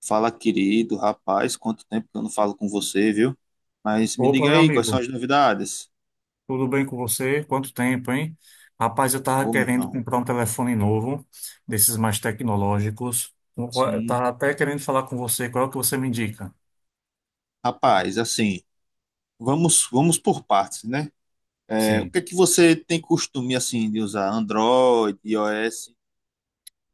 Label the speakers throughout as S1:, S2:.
S1: Fala, querido rapaz, quanto tempo que eu não falo com você, viu? Mas me
S2: Opa,
S1: diga
S2: meu
S1: aí, quais são
S2: amigo,
S1: as novidades?
S2: tudo bem com você? Quanto tempo, hein? Rapaz, eu tava
S1: Ô, meu
S2: querendo
S1: irmão,
S2: comprar um telefone novo, desses mais tecnológicos. Eu
S1: sim.
S2: tava até querendo falar com você, qual é o que você me indica?
S1: Rapaz, assim, vamos por partes, né? É, o
S2: Sim.
S1: que é que você tem costume, assim, de usar? Android, iOS?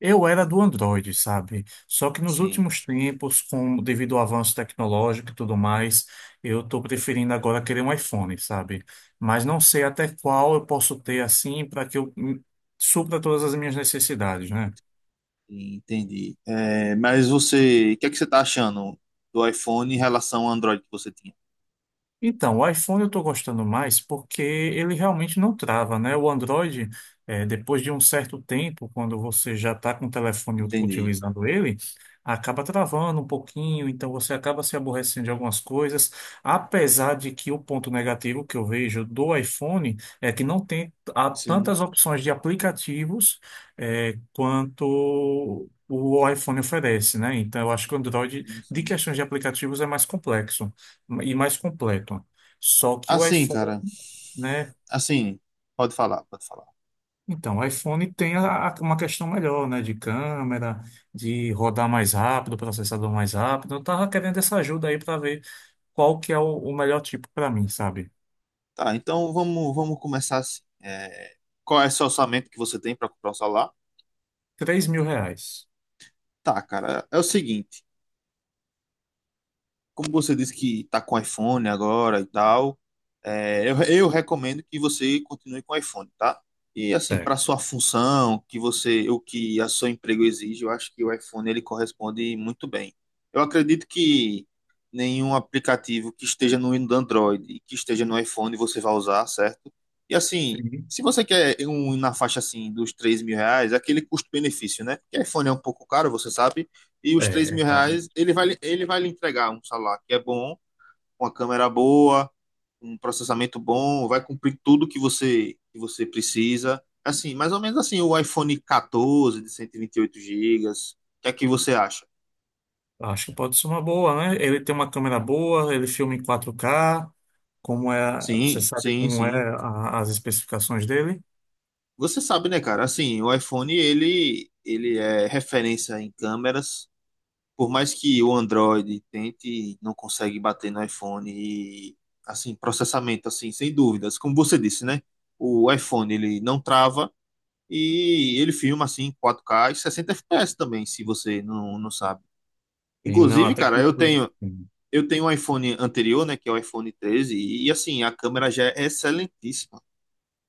S2: Eu era do Android, sabe? Só que nos
S1: Sim,
S2: últimos tempos, com devido ao avanço tecnológico e tudo mais, eu estou preferindo agora querer um iPhone, sabe? Mas não sei até qual eu posso ter assim para que eu supra todas as minhas necessidades, né?
S1: entendi. É, mas você, o que é que você tá achando do iPhone em relação ao Android que você tinha?
S2: Então, o iPhone eu estou gostando mais porque ele realmente não trava, né? O Android, depois de um certo tempo, quando você já está com o telefone
S1: Entendi.
S2: utilizando ele, acaba travando um pouquinho, então você acaba se aborrecendo de algumas coisas, apesar de que o ponto negativo que eu vejo do iPhone é que não tem
S1: Sim,
S2: tantas opções de aplicativos, quanto o iPhone oferece, né? Então, eu acho que o Android,
S1: sim,
S2: de
S1: sim.
S2: questões de aplicativos, é mais complexo e mais completo. Só que o
S1: Assim,
S2: iPhone,
S1: cara,
S2: né?
S1: assim, pode falar, pode falar.
S2: Então, o iPhone tem uma questão melhor, né? De câmera, de rodar mais rápido, processador mais rápido. Eu tava querendo essa ajuda aí para ver qual que é o melhor tipo para mim, sabe?
S1: Tá, então vamos começar assim. É, qual é esse orçamento que você tem para comprar o celular?
S2: R$ 3.000.
S1: Tá, cara, é o seguinte. Como você disse que está com iPhone agora e tal, eu recomendo que você continue com iPhone, tá? E assim,
S2: É.
S1: para sua função, que você, o que a seu emprego exige, eu acho que o iPhone ele corresponde muito bem. Eu acredito que nenhum aplicativo que esteja no Android e que esteja no iPhone você vai usar, certo? E assim,
S2: Sim.
S1: se você quer um na faixa assim dos 3 mil reais, é aquele custo-benefício, né? Porque iPhone é um pouco caro, você sabe e os 3
S2: É,
S1: mil
S2: cara.
S1: reais ele vai lhe entregar um celular que é bom, uma câmera boa, um processamento bom, vai cumprir tudo que você precisa. Assim, mais ou menos assim, o iPhone 14 de cento e vinte e oito gigas. O que é que você acha?
S2: Acho que pode ser uma boa, né? Ele tem uma câmera boa, ele filma em 4K. Como é, você
S1: Sim,
S2: sabe
S1: sim,
S2: como é
S1: sim.
S2: as especificações dele?
S1: Você sabe, né, cara? Assim, o iPhone ele é referência em câmeras. Por mais que o Android tente, não consegue bater no iPhone e, assim, processamento, assim, sem dúvidas. Como você disse, né? O iPhone, ele não trava e ele filma, assim, em 4K e 60 FPS também, se você não, não sabe.
S2: E não, a
S1: Inclusive, cara, eu
S2: tecnologia.
S1: tenho
S2: Sim.
S1: eu tenho um iPhone anterior, né, que é o iPhone 13, e, assim, a câmera já é excelentíssima.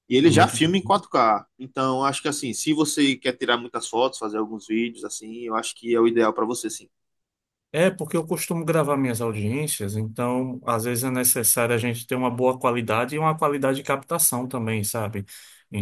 S1: E
S2: É
S1: ele já
S2: muito.
S1: filma em 4K. Então, acho que, assim, se você quer tirar muitas fotos, fazer alguns vídeos, assim, eu acho que é o ideal para você, sim.
S2: É, porque eu costumo gravar minhas audiências, então às vezes é necessário a gente ter uma boa qualidade e uma qualidade de captação também, sabe?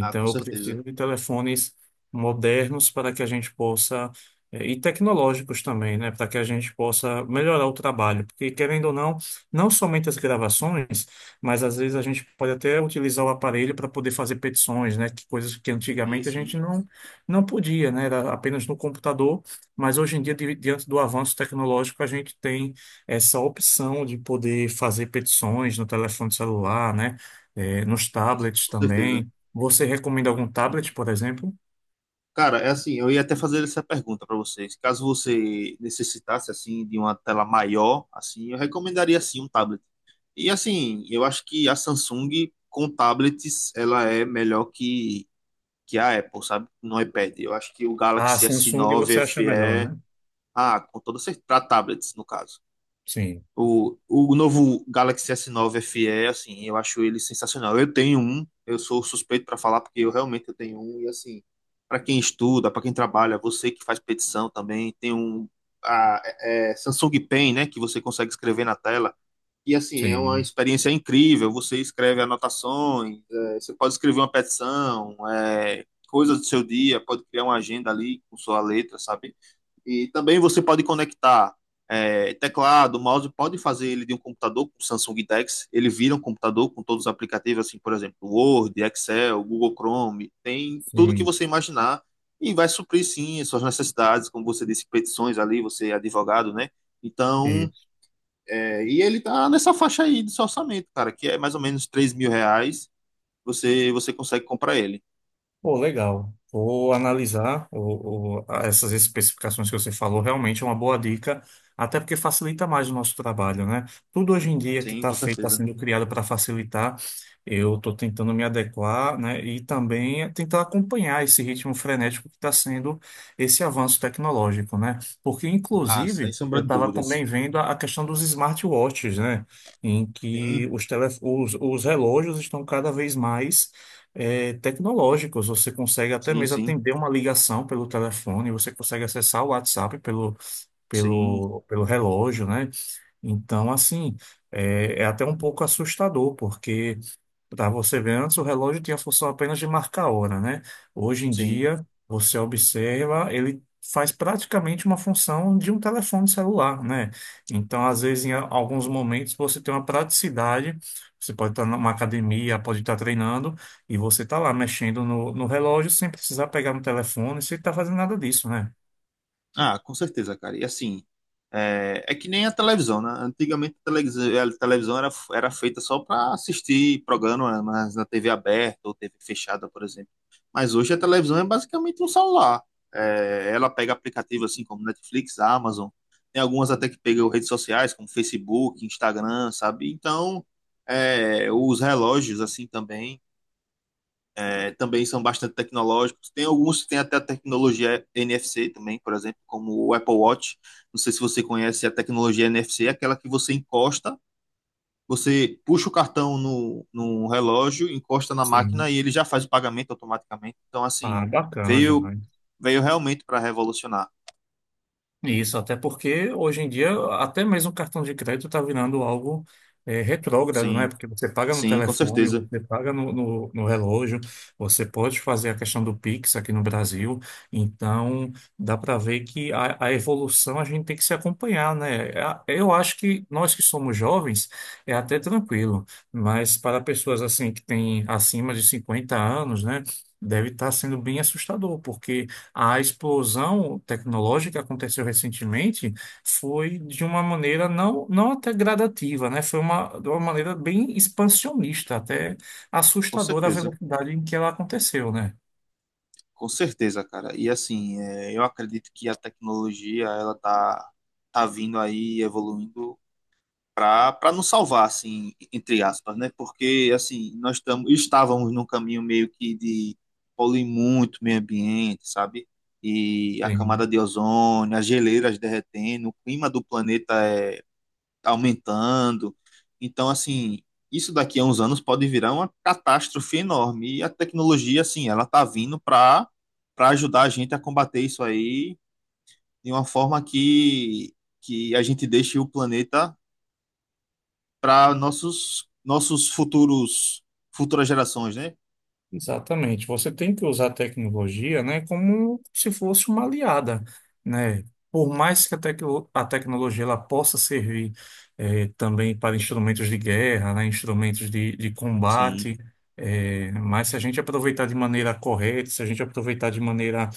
S1: Ah, com
S2: eu
S1: certeza.
S2: preciso de telefones modernos para que a gente possa, e tecnológicos também, né? Para que a gente possa melhorar o trabalho. Porque, querendo ou não, não somente as gravações, mas às vezes a gente pode até utilizar o aparelho para poder fazer petições, né? Que coisas que
S1: Sim,
S2: antigamente a
S1: sim.
S2: gente não, não podia, né? Era apenas no computador. Mas hoje em dia, diante do avanço tecnológico, a gente tem essa opção de poder fazer petições no telefone celular, né? Nos
S1: Sim, sim,
S2: tablets
S1: com certeza.
S2: também. Você recomenda algum tablet, por exemplo?
S1: Cara, é assim, eu ia até fazer essa pergunta para vocês. Caso você necessitasse assim de uma tela maior, assim, eu recomendaria assim um tablet. E assim, eu acho que a Samsung com tablets ela é melhor que a Apple, sabe? No iPad. Eu acho que o
S2: A
S1: Galaxy
S2: Samsung
S1: S9
S2: você acha melhor,
S1: FE,
S2: né?
S1: ah, com toda certeza, para tablets no caso.
S2: Sim,
S1: O novo Galaxy S9 FE, assim, eu acho ele sensacional. Eu tenho um, eu sou suspeito para falar porque eu realmente eu tenho um e assim, para quem estuda, para quem trabalha, você que faz petição também, tem um Samsung Pen, né, que você consegue escrever na tela. E assim, é uma
S2: sim,
S1: experiência incrível. Você escreve anotações, é, você pode escrever uma petição, é, coisas do seu dia, pode criar uma agenda ali com sua letra, sabe? E também você pode conectar é, teclado, mouse, pode fazer ele de um computador com Samsung Dex, ele vira um computador com todos os aplicativos, assim, por exemplo, Word, Excel, Google Chrome, tem tudo que
S2: sim.
S1: você imaginar e vai suprir, sim, as suas necessidades, como você disse, petições ali, você é advogado, né? Então, é, e ele tá nessa faixa aí de seu orçamento, cara, que é mais ou menos 3 mil reais, você, você consegue comprar ele.
S2: Pô, legal. Vou analisar essas especificações que você falou. Realmente é uma boa dica, até porque facilita mais o nosso trabalho, né? Tudo hoje em dia que
S1: Sim,
S2: está
S1: com
S2: feito, está
S1: certeza.
S2: sendo criado para facilitar. Eu estou tentando me adequar, né? E também tentar acompanhar esse ritmo frenético que está sendo esse avanço tecnológico, né? Porque,
S1: Ah, sem
S2: inclusive,
S1: sombra
S2: eu
S1: de
S2: estava
S1: dúvidas.
S2: também vendo a questão dos smartwatches, né? Em que
S1: Sim,
S2: os relógios estão cada vez mais tecnológicos. Você consegue até
S1: sim,
S2: mesmo
S1: sim,
S2: atender uma ligação pelo telefone, você consegue acessar o WhatsApp pelo,
S1: sim,
S2: pelo, pelo relógio, né? Então, assim, é até um pouco assustador, porque para você ver, antes o relógio tinha a função apenas de marcar a hora, né? Hoje em
S1: sim.
S2: dia, você observa, ele faz praticamente uma função de um telefone celular, né? Então, às vezes, em alguns momentos, você tem uma praticidade. Você pode estar numa academia, pode estar treinando, e você está lá mexendo no relógio sem precisar pegar no telefone, sem estar fazendo nada disso, né?
S1: Ah, com certeza, cara. E assim, é, é que nem a televisão, né? Antigamente a televisão, era feita só para assistir programa mas na TV aberta ou TV fechada, por exemplo. Mas hoje a televisão é basicamente um celular. É, ela pega aplicativos assim como Netflix, Amazon, tem algumas até que pegam redes sociais como Facebook, Instagram, sabe? Então, é, os relógios assim também é, também são bastante tecnológicos. Tem alguns que têm até a tecnologia NFC também, por exemplo, como o Apple Watch. Não sei se você conhece a tecnologia NFC, é aquela que você encosta, você puxa o cartão no relógio, encosta na máquina
S2: Sim.
S1: e ele já faz o pagamento automaticamente. Então,
S2: Ah,
S1: assim,
S2: bacana
S1: veio,
S2: demais.
S1: veio realmente para revolucionar.
S2: Isso, até porque hoje em dia, até mesmo o cartão de crédito está virando algo retrógrado, né?
S1: Sim,
S2: Porque você paga no
S1: sim, com
S2: telefone,
S1: certeza,
S2: você paga no relógio, você pode fazer a questão do Pix aqui no Brasil. Então, dá para ver que a evolução a gente tem que se acompanhar, né? Eu acho que nós que somos jovens é até tranquilo, mas para pessoas assim que têm acima de 50 anos, né? Deve estar sendo bem assustador. Porque. A explosão tecnológica que aconteceu recentemente foi de uma maneira não, não até gradativa, né? Foi de uma maneira bem expansionista, até
S1: com
S2: assustadora a
S1: certeza,
S2: velocidade em que ela aconteceu, né?
S1: com certeza, cara. E assim, é, eu acredito que a tecnologia, ela tá vindo aí, evoluindo para nos salvar, assim, entre aspas, né? Porque, assim, estávamos num caminho meio que de poluir muito o meio ambiente, sabe? E a
S2: Sim.
S1: camada de ozônio, as geleiras derretendo, o clima do planeta é aumentando. Então, assim, isso daqui a uns anos pode virar uma catástrofe enorme. E a tecnologia, assim, ela tá vindo para ajudar a gente a combater isso aí de uma forma que a gente deixe o planeta para nossos nossos futuros futuras gerações, né?
S2: Exatamente. Você tem que usar a tecnologia, né, como se fosse uma aliada, né? Por mais que a tecnologia ela possa servir também para instrumentos de guerra, né, instrumentos de
S1: Sim,
S2: combate, mas se a gente aproveitar de maneira correta, se a gente aproveitar de maneira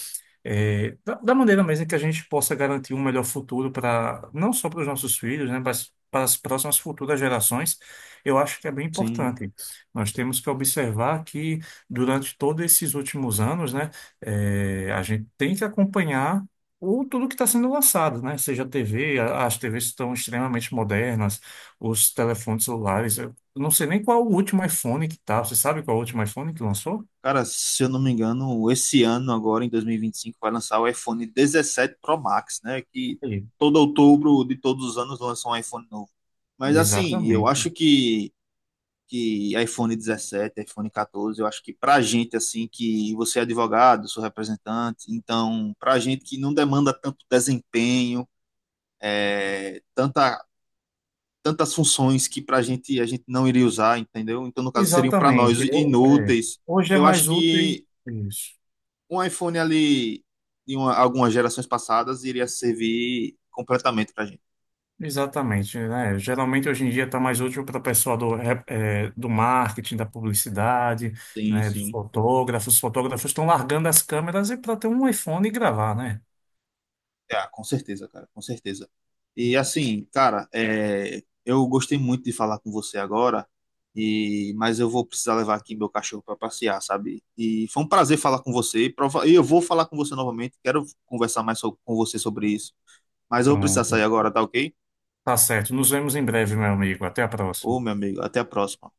S2: da maneira mesmo que a gente possa garantir um melhor futuro para não só para os nossos filhos, né, mas para as próximas futuras gerações, eu acho que é bem
S1: sim.
S2: importante. Nós temos que observar que durante todos esses últimos anos, né, a gente tem que acompanhar tudo que está sendo lançado, né? Seja a TV, as TVs estão extremamente modernas, os telefones celulares. Eu não sei nem qual o último iPhone que tá. Você sabe qual é o último iPhone que lançou?
S1: Cara, se eu não me engano, esse ano agora em 2025 vai lançar o iPhone 17 Pro Max, né? Que
S2: Aí.
S1: todo outubro de todos os anos lança um iPhone novo. Mas assim, eu
S2: Exatamente.
S1: acho que que iPhone 17, iPhone 14, eu acho que pra gente assim que você é advogado, sou representante, então pra gente que não demanda tanto desempenho, é, tantas funções que para a gente não iria usar, entendeu? Então, no caso, seriam para
S2: Exatamente.
S1: nós inúteis.
S2: Hoje é
S1: Eu acho
S2: mais útil
S1: que
S2: isso.
S1: um iPhone ali de uma- algumas gerações passadas iria servir completamente para gente.
S2: Exatamente, né? Geralmente hoje em dia está mais útil para o pessoal do marketing, da publicidade,
S1: Sim,
S2: né? Dos
S1: sim.
S2: fotógrafos. Os fotógrafos estão largando as câmeras e para ter um iPhone e gravar, né?
S1: É, com certeza, cara, com certeza. E assim, cara, é, eu gostei muito de falar com você agora, e mas eu vou precisar levar aqui meu cachorro para passear, sabe? E foi um prazer falar com você. E prova- e eu vou falar com você novamente. Quero conversar mais so- com você sobre isso. Mas eu vou precisar sair
S2: Pronto.
S1: agora, tá ok?
S2: Tá certo. Nos vemos em breve, meu amigo. Até a
S1: Ô, meu
S2: próxima.
S1: amigo, até a próxima.